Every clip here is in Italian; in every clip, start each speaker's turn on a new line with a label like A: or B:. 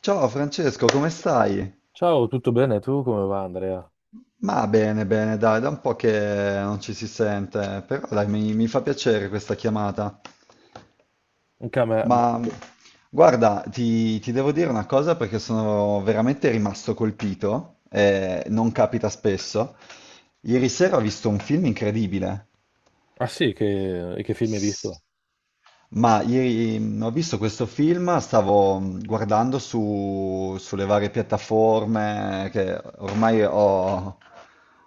A: Ciao Francesco, come stai?
B: Ciao, tutto bene? Tu come va, Andrea?
A: Ma bene, bene, dai, da un po' che non ci si sente, però dai, mi fa piacere questa chiamata.
B: Anche a me
A: Ma
B: molto.
A: guarda, ti devo dire una cosa perché sono veramente rimasto colpito, non capita spesso. Ieri sera ho visto un film incredibile.
B: Ah sì, e che film hai
A: S-
B: visto?
A: Ma ieri ho visto questo film, stavo guardando sulle varie piattaforme che ormai ho,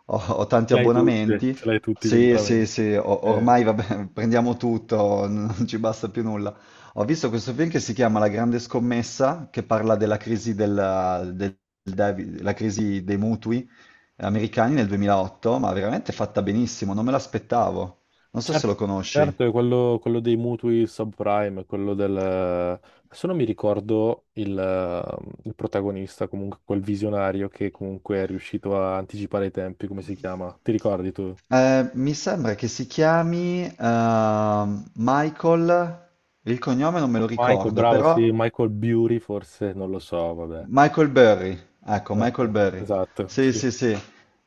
A: ho tanti abbonamenti.
B: Ce l'hai tutti gli
A: Sì, sì,
B: abbonamenti.
A: sì,
B: Eh,
A: ormai vabbè, prendiamo tutto, non ci basta più nulla. Ho visto questo film che si chiama La Grande Scommessa, che parla della crisi, la crisi dei mutui americani nel 2008, ma veramente fatta benissimo, non me l'aspettavo. Non so
B: cer-
A: se lo conosci.
B: certo, è quello, quello dei mutui subprime, quello del adesso non mi ricordo il protagonista, comunque quel visionario che comunque è riuscito a anticipare i tempi, come si chiama? Ti ricordi tu?
A: Mi sembra che si chiami Michael, il cognome non me lo
B: Michael,
A: ricordo,
B: bravo,
A: però
B: sì, Michael Bury forse, non lo so, vabbè.
A: Michael Burry, ecco, Michael
B: Ecco,
A: Burry.
B: esatto,
A: Sì,
B: sì.
A: sì, sì,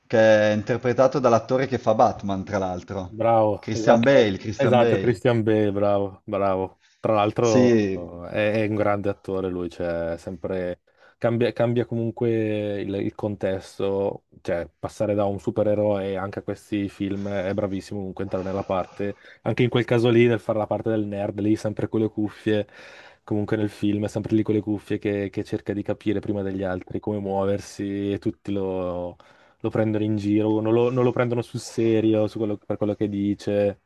A: che è interpretato dall'attore che fa Batman, tra l'altro.
B: Bravo,
A: Christian Bale,
B: esatto,
A: Christian
B: esatto,
A: Bale.
B: Christian Bale, bravo, bravo. Tra l'altro
A: Sì,
B: è un grande attore lui, cioè sempre cambia comunque il contesto, cioè passare da un supereroe anche a questi film è bravissimo comunque entrare nella parte, anche in quel caso lì nel fare la parte del nerd, lì sempre con le cuffie, comunque nel film è sempre lì con le cuffie che cerca di capire prima degli altri come muoversi e tutti lo prendono in giro, non lo prendono sul serio su per quello che dice.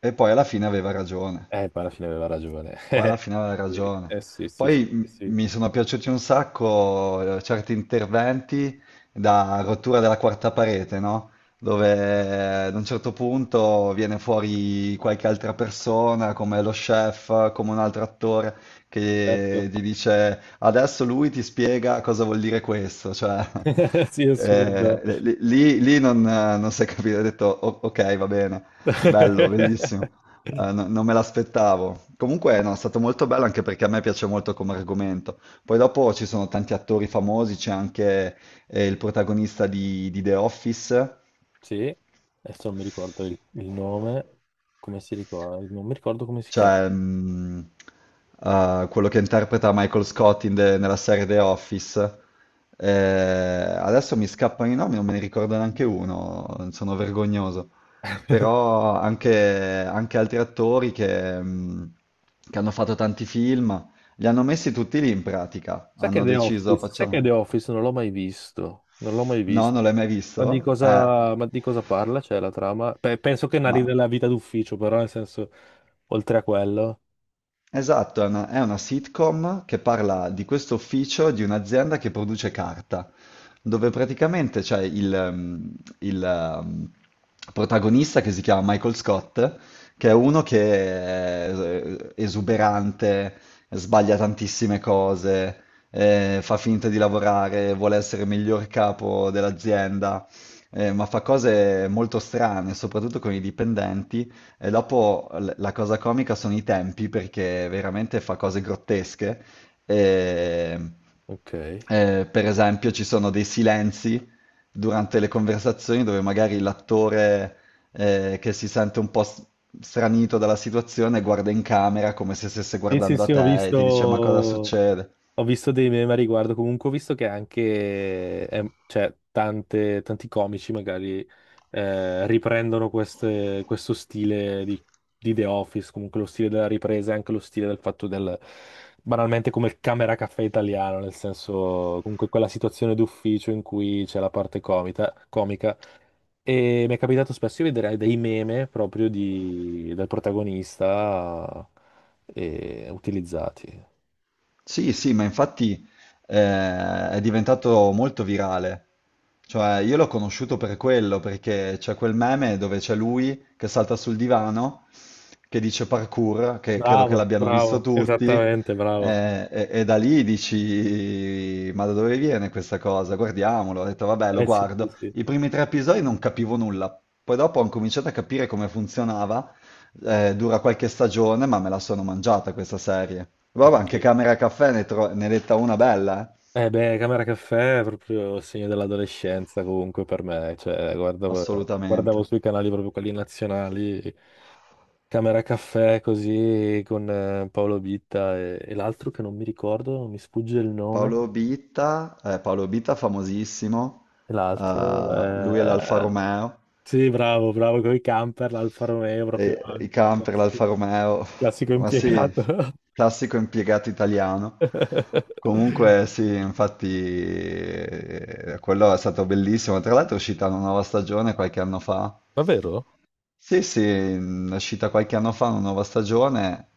A: e poi alla fine aveva ragione.
B: Poi alla fine aveva ragione.
A: Poi alla
B: Eh
A: fine aveva
B: sì,
A: ragione.
B: eh sì, sì, sì,
A: Poi
B: sì,
A: mi sono piaciuti un sacco certi interventi da rottura della quarta parete, no? Dove ad un certo punto viene fuori qualche altra persona, come lo chef, come un altro attore,
B: certo.
A: che gli dice adesso lui ti spiega cosa vuol dire questo, cioè
B: Sì, è assurda.
A: lì non, non si è capito, ho detto Ok, va bene, bello, bellissimo." Non me l'aspettavo. Comunque, no, è stato molto bello anche perché a me piace molto come argomento. Poi dopo ci sono tanti attori famosi, c'è anche il protagonista di The Office.
B: Sì, adesso non mi ricordo il nome, non mi ricordo come si chiama.
A: Cioè, quello che interpreta Michael Scott in nella serie The Office. Adesso mi scappano i nomi, non me ne ricordo neanche uno, sono vergognoso. Però anche, anche altri attori che hanno fatto tanti film, li hanno messi tutti lì in pratica.
B: Sai che
A: Hanno
B: The
A: deciso,
B: Office, sai che
A: facciamo...
B: The Office non l'ho mai visto, non l'ho mai
A: No, non
B: visto.
A: l'hai mai visto?
B: Ma di cosa parla? Cioè, la trama? Penso che narri
A: Ma...
B: della vita d'ufficio, però nel senso, oltre a quello.
A: Esatto, è una sitcom che parla di questo ufficio di un'azienda che produce carta, dove praticamente c'è il, protagonista che si chiama Michael Scott, che è uno che è esuberante, sbaglia tantissime cose, fa finta di lavorare, vuole essere il miglior capo dell'azienda, ma fa cose molto strane, soprattutto con i dipendenti. E dopo la cosa comica sono i tempi perché veramente fa cose grottesche. E-
B: Ok.
A: per esempio, ci sono dei silenzi durante le conversazioni dove magari l'attore che si sente un po' stranito dalla situazione guarda in camera come se stesse
B: Sì, sì,
A: guardando a
B: sì,
A: te e ti dice: "Ma cosa
B: ho
A: succede?"
B: visto dei meme a riguardo, comunque ho visto che anche, cioè, tanti comici magari riprendono questo stile di The Office, comunque lo stile della ripresa e anche lo stile del fatto del, banalmente come il camera caffè italiano, nel senso, comunque quella situazione d'ufficio in cui c'è la parte comica, comica e mi è capitato spesso di vedere dei meme proprio del protagonista utilizzati.
A: Sì, sì, ma infatti è diventato molto virale. Cioè, io l'ho conosciuto per quello, perché c'è quel meme dove c'è lui che salta sul divano, che dice parkour, che credo che
B: Bravo,
A: l'abbiano visto
B: bravo,
A: tutti,
B: esattamente, bravo.
A: e da lì dici, ma da dove viene questa cosa? Guardiamolo. Ho detto, vabbè, lo
B: Eh sì, sì,
A: guardo.
B: sì.
A: I primi 3 episodi non capivo nulla, poi dopo ho cominciato a capire come funzionava. Dura qualche stagione, ma me la sono mangiata questa serie. Vabbè, anche
B: Sì.
A: Camera Caffè ne, ne detta una bella, eh?
B: Beh, Camera Caffè è proprio il segno dell'adolescenza comunque per me, cioè guardavo,
A: Assolutamente.
B: guardavo sui canali proprio quelli nazionali, Camera Caffè così con Paolo Bitta e l'altro che non mi ricordo, non mi sfugge il nome,
A: Paolo Bitta, Paolo Bitta famosissimo,
B: e l'altro...
A: lui è l'Alfa Romeo,
B: sì, bravo, bravo con i camper, l'Alfa Romeo, proprio
A: e i camper,
B: classico,
A: l'Alfa Romeo,
B: classico
A: ma sì,
B: impiegato.
A: classico impiegato italiano. Comunque sì, infatti quello è stato bellissimo, tra l'altro è uscita una nuova stagione qualche anno fa.
B: Davvero?
A: Sì, sì, è uscita qualche anno fa una nuova stagione,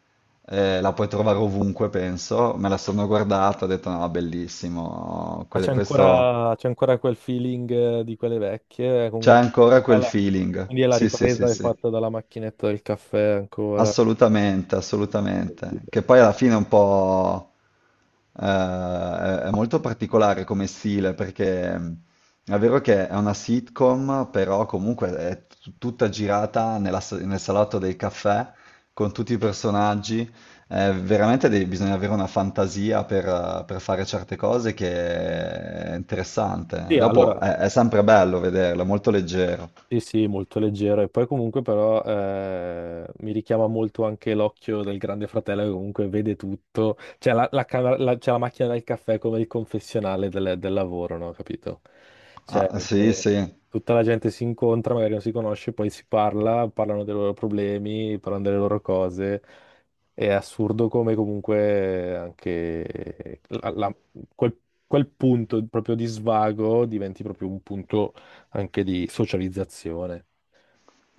A: la puoi trovare ovunque, penso. Me la sono guardata, ho detto no, bellissimo,
B: Ma
A: questo
B: c'è ancora quel feeling di quelle vecchie,
A: c'è
B: comunque.
A: ancora quel
B: alla-
A: feeling.
B: Quindi è la
A: Sì, sì,
B: ripresa
A: sì,
B: è
A: sì.
B: fatta dalla macchinetta del caffè ancora.
A: Assolutamente,
B: Quindi,
A: assolutamente.
B: eh.
A: Che poi alla fine è un po' è molto particolare come stile, perché è vero che è una sitcom, però comunque è tutta girata nella nel salotto del caffè con tutti i personaggi. Veramente bisogna avere una fantasia per fare certe cose che è interessante.
B: Sì,
A: Dopo
B: allora.
A: è sempre bello vederlo, è molto leggero.
B: Sì, sì, molto leggero e poi comunque però mi richiama molto anche l'occhio del grande fratello che comunque vede tutto, c'è la c'è la macchina del caffè come il confessionale del, del lavoro, no? Capito? Cioè,
A: Ah, sì,
B: dove
A: sì.
B: tutta la gente si incontra, magari non si conosce, poi si parla, parlano dei loro problemi, parlano delle loro cose. È assurdo come comunque anche quel, quel punto proprio di svago diventi proprio un punto anche di socializzazione.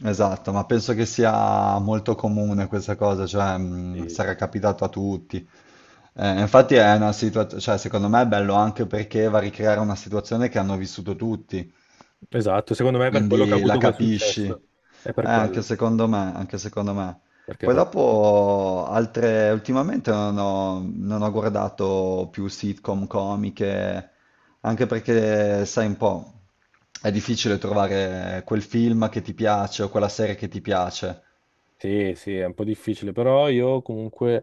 A: Esatto, ma penso che sia molto comune questa cosa, cioè
B: Sì.
A: sarà capitato a tutti. Infatti è una situazione, cioè secondo me è bello anche perché va a ricreare una situazione che hanno vissuto tutti.
B: Esatto, secondo me è per quello che ha
A: Quindi la
B: avuto quel
A: capisci.
B: successo. È per
A: Anche
B: quello.
A: secondo me, anche secondo me.
B: Perché
A: Poi
B: proprio...
A: dopo altre, ultimamente non ho, non ho guardato più sitcom comiche, anche perché, sai un po', è difficile trovare quel film che ti piace o quella serie che ti piace.
B: Sì, sì, è un po' difficile, però io comunque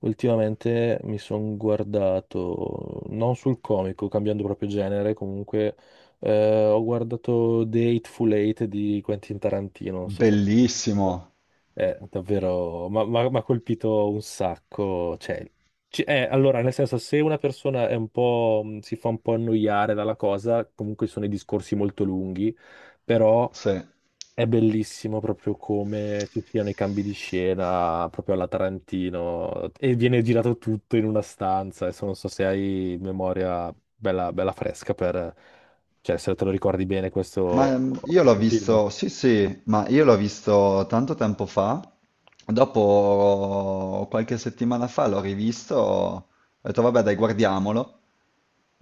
B: ultimamente mi sono guardato, non sul comico, cambiando proprio genere, comunque ho guardato The Hateful Eight di Quentin Tarantino, non so se...
A: Bellissimo,
B: Davvero, mi ha colpito un sacco. Cioè, allora, nel senso, se una persona è un po', si fa un po' annoiare dalla cosa, comunque sono i discorsi molto lunghi, però
A: sì.
B: è bellissimo proprio come ci siano i cambi di scena, proprio alla Tarantino, e viene girato tutto in una stanza. Adesso non so se hai memoria bella, bella fresca per... Cioè, se te lo ricordi bene
A: Ma
B: questo,
A: io l'ho
B: questo film.
A: visto, sì sì, ma io l'ho visto tanto tempo fa, dopo qualche settimana fa l'ho rivisto, ho detto vabbè dai guardiamolo.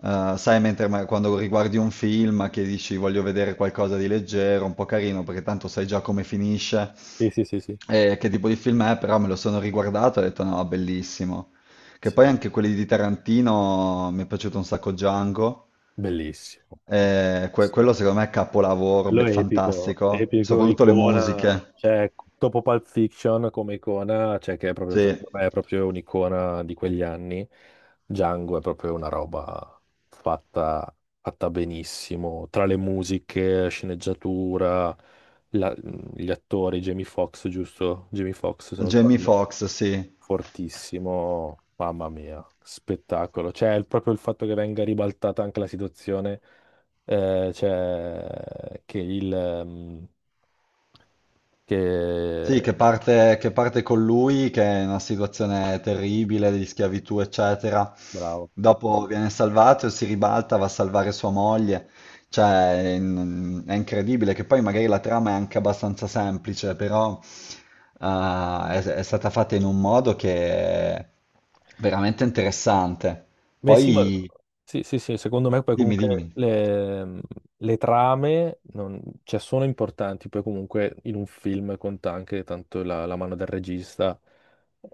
A: Sai mentre quando riguardi un film che dici voglio vedere qualcosa di leggero, un po' carino, perché tanto sai già come finisce
B: Sì, sì, sì, sì.
A: e che tipo di film è, però me lo sono riguardato e ho detto no, bellissimo. Che poi
B: Sì.
A: anche quelli di Tarantino mi è piaciuto un sacco Django.
B: Bellissimo.
A: Quello
B: Bellissimo.
A: secondo me è capolavoro,
B: Quello è epico,
A: fantastico,
B: epico,
A: soprattutto le
B: icona,
A: musiche.
B: cioè dopo Pulp Fiction come icona, cioè che è proprio,
A: Sì,
B: secondo me, è proprio un'icona di quegli anni. Django è proprio una roba fatta, fatta benissimo, tra le musiche, sceneggiatura, la- gli attori, Jamie Foxx, giusto? Jamie Foxx, se non
A: Jamie
B: sbaglio
A: Foxx, sì.
B: fortissimo, mamma mia, spettacolo. Cioè, proprio il fatto che venga ribaltata anche la situazione, cioè, che che...
A: Sì, che parte con lui, che è in una situazione terribile di schiavitù, eccetera.
B: Bravo.
A: Dopo viene salvato e si ribalta, va a salvare sua moglie. Cioè, è, è incredibile, che poi magari la trama è anche abbastanza semplice, però è stata fatta in un modo che è veramente interessante.
B: Beh, sì, ma-
A: Poi
B: sì, sì, sì, secondo me poi
A: dimmi,
B: comunque
A: dimmi.
B: le trame cioè, sono importanti, poi comunque in un film conta anche tanto la mano del regista,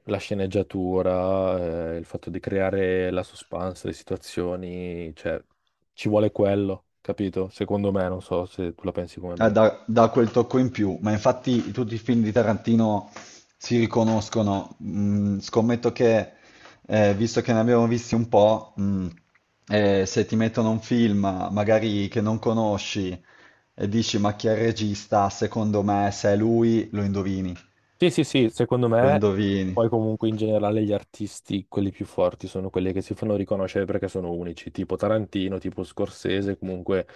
B: la sceneggiatura, il fatto di creare la suspense, le situazioni, cioè ci vuole quello, capito? Secondo me, non so se tu la pensi come me.
A: Dà, dà quel tocco in più, ma infatti tutti i film di Tarantino si riconoscono. Mm, scommetto che, visto che ne abbiamo visti un po', se ti mettono un film magari che non conosci e dici ma chi è il regista, secondo me se è lui lo indovini,
B: Sì, sì, sì, secondo
A: lo
B: me
A: indovini.
B: poi comunque in generale gli artisti, quelli più forti, sono quelli che si fanno riconoscere perché sono unici, tipo Tarantino, tipo Scorsese, comunque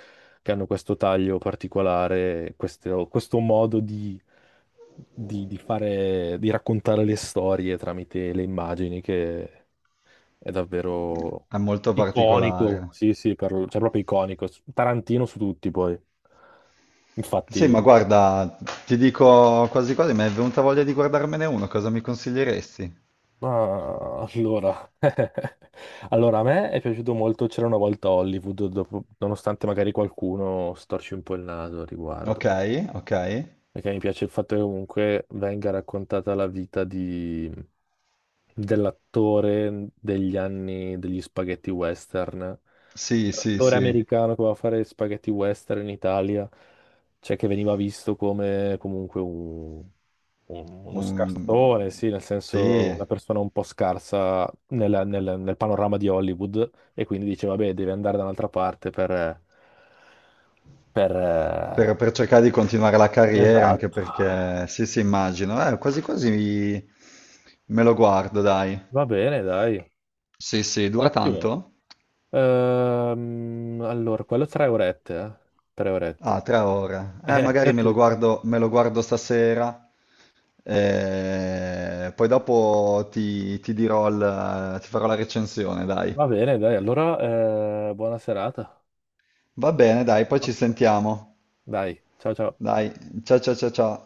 B: che hanno questo taglio particolare, questo modo di, di fare, di raccontare le storie tramite le immagini che è davvero
A: È molto
B: iconico,
A: particolare.
B: sì, sì, cioè proprio iconico, Tarantino su tutti poi,
A: Sì, ma
B: infatti...
A: guarda, ti dico quasi quasi, mi è venuta voglia di guardarmene uno, cosa mi consiglieresti?
B: Ah, allora. Allora, a me è piaciuto molto C'era una volta Hollywood, nonostante magari qualcuno storci un po' il naso al
A: Ok,
B: riguardo.
A: ok.
B: Perché mi piace il fatto che comunque venga raccontata la vita dell'attore degli anni degli spaghetti western.
A: Sì, sì,
B: L'attore
A: sì,
B: americano che va a fare spaghetti western in Italia, cioè che veniva visto come comunque uno
A: Un-
B: scarsone, sì, nel
A: sì.
B: senso una persona un po' scarsa nel, nel panorama di Hollywood e quindi dice, vabbè, deve andare da un'altra parte per
A: Per cercare di continuare la carriera, anche
B: esatto.
A: perché, sì, sì, immagino. Quasi quasi me lo guardo, dai.
B: Va bene, dai.
A: Sì, sì, dura
B: Ottimo.
A: tanto?
B: Allora, quello tre orette, eh? Tre
A: Ah,
B: orette.
A: 3 ore. Magari
B: Sì.
A: me lo guardo stasera, eh, poi dopo ti, ti dirò, ti farò la recensione, dai.
B: Va bene, dai, allora, buona serata.
A: Va bene, dai, poi ci
B: Ottimo.
A: sentiamo.
B: Dai, ciao ciao.
A: Dai, ciao, ciao, ciao, ciao.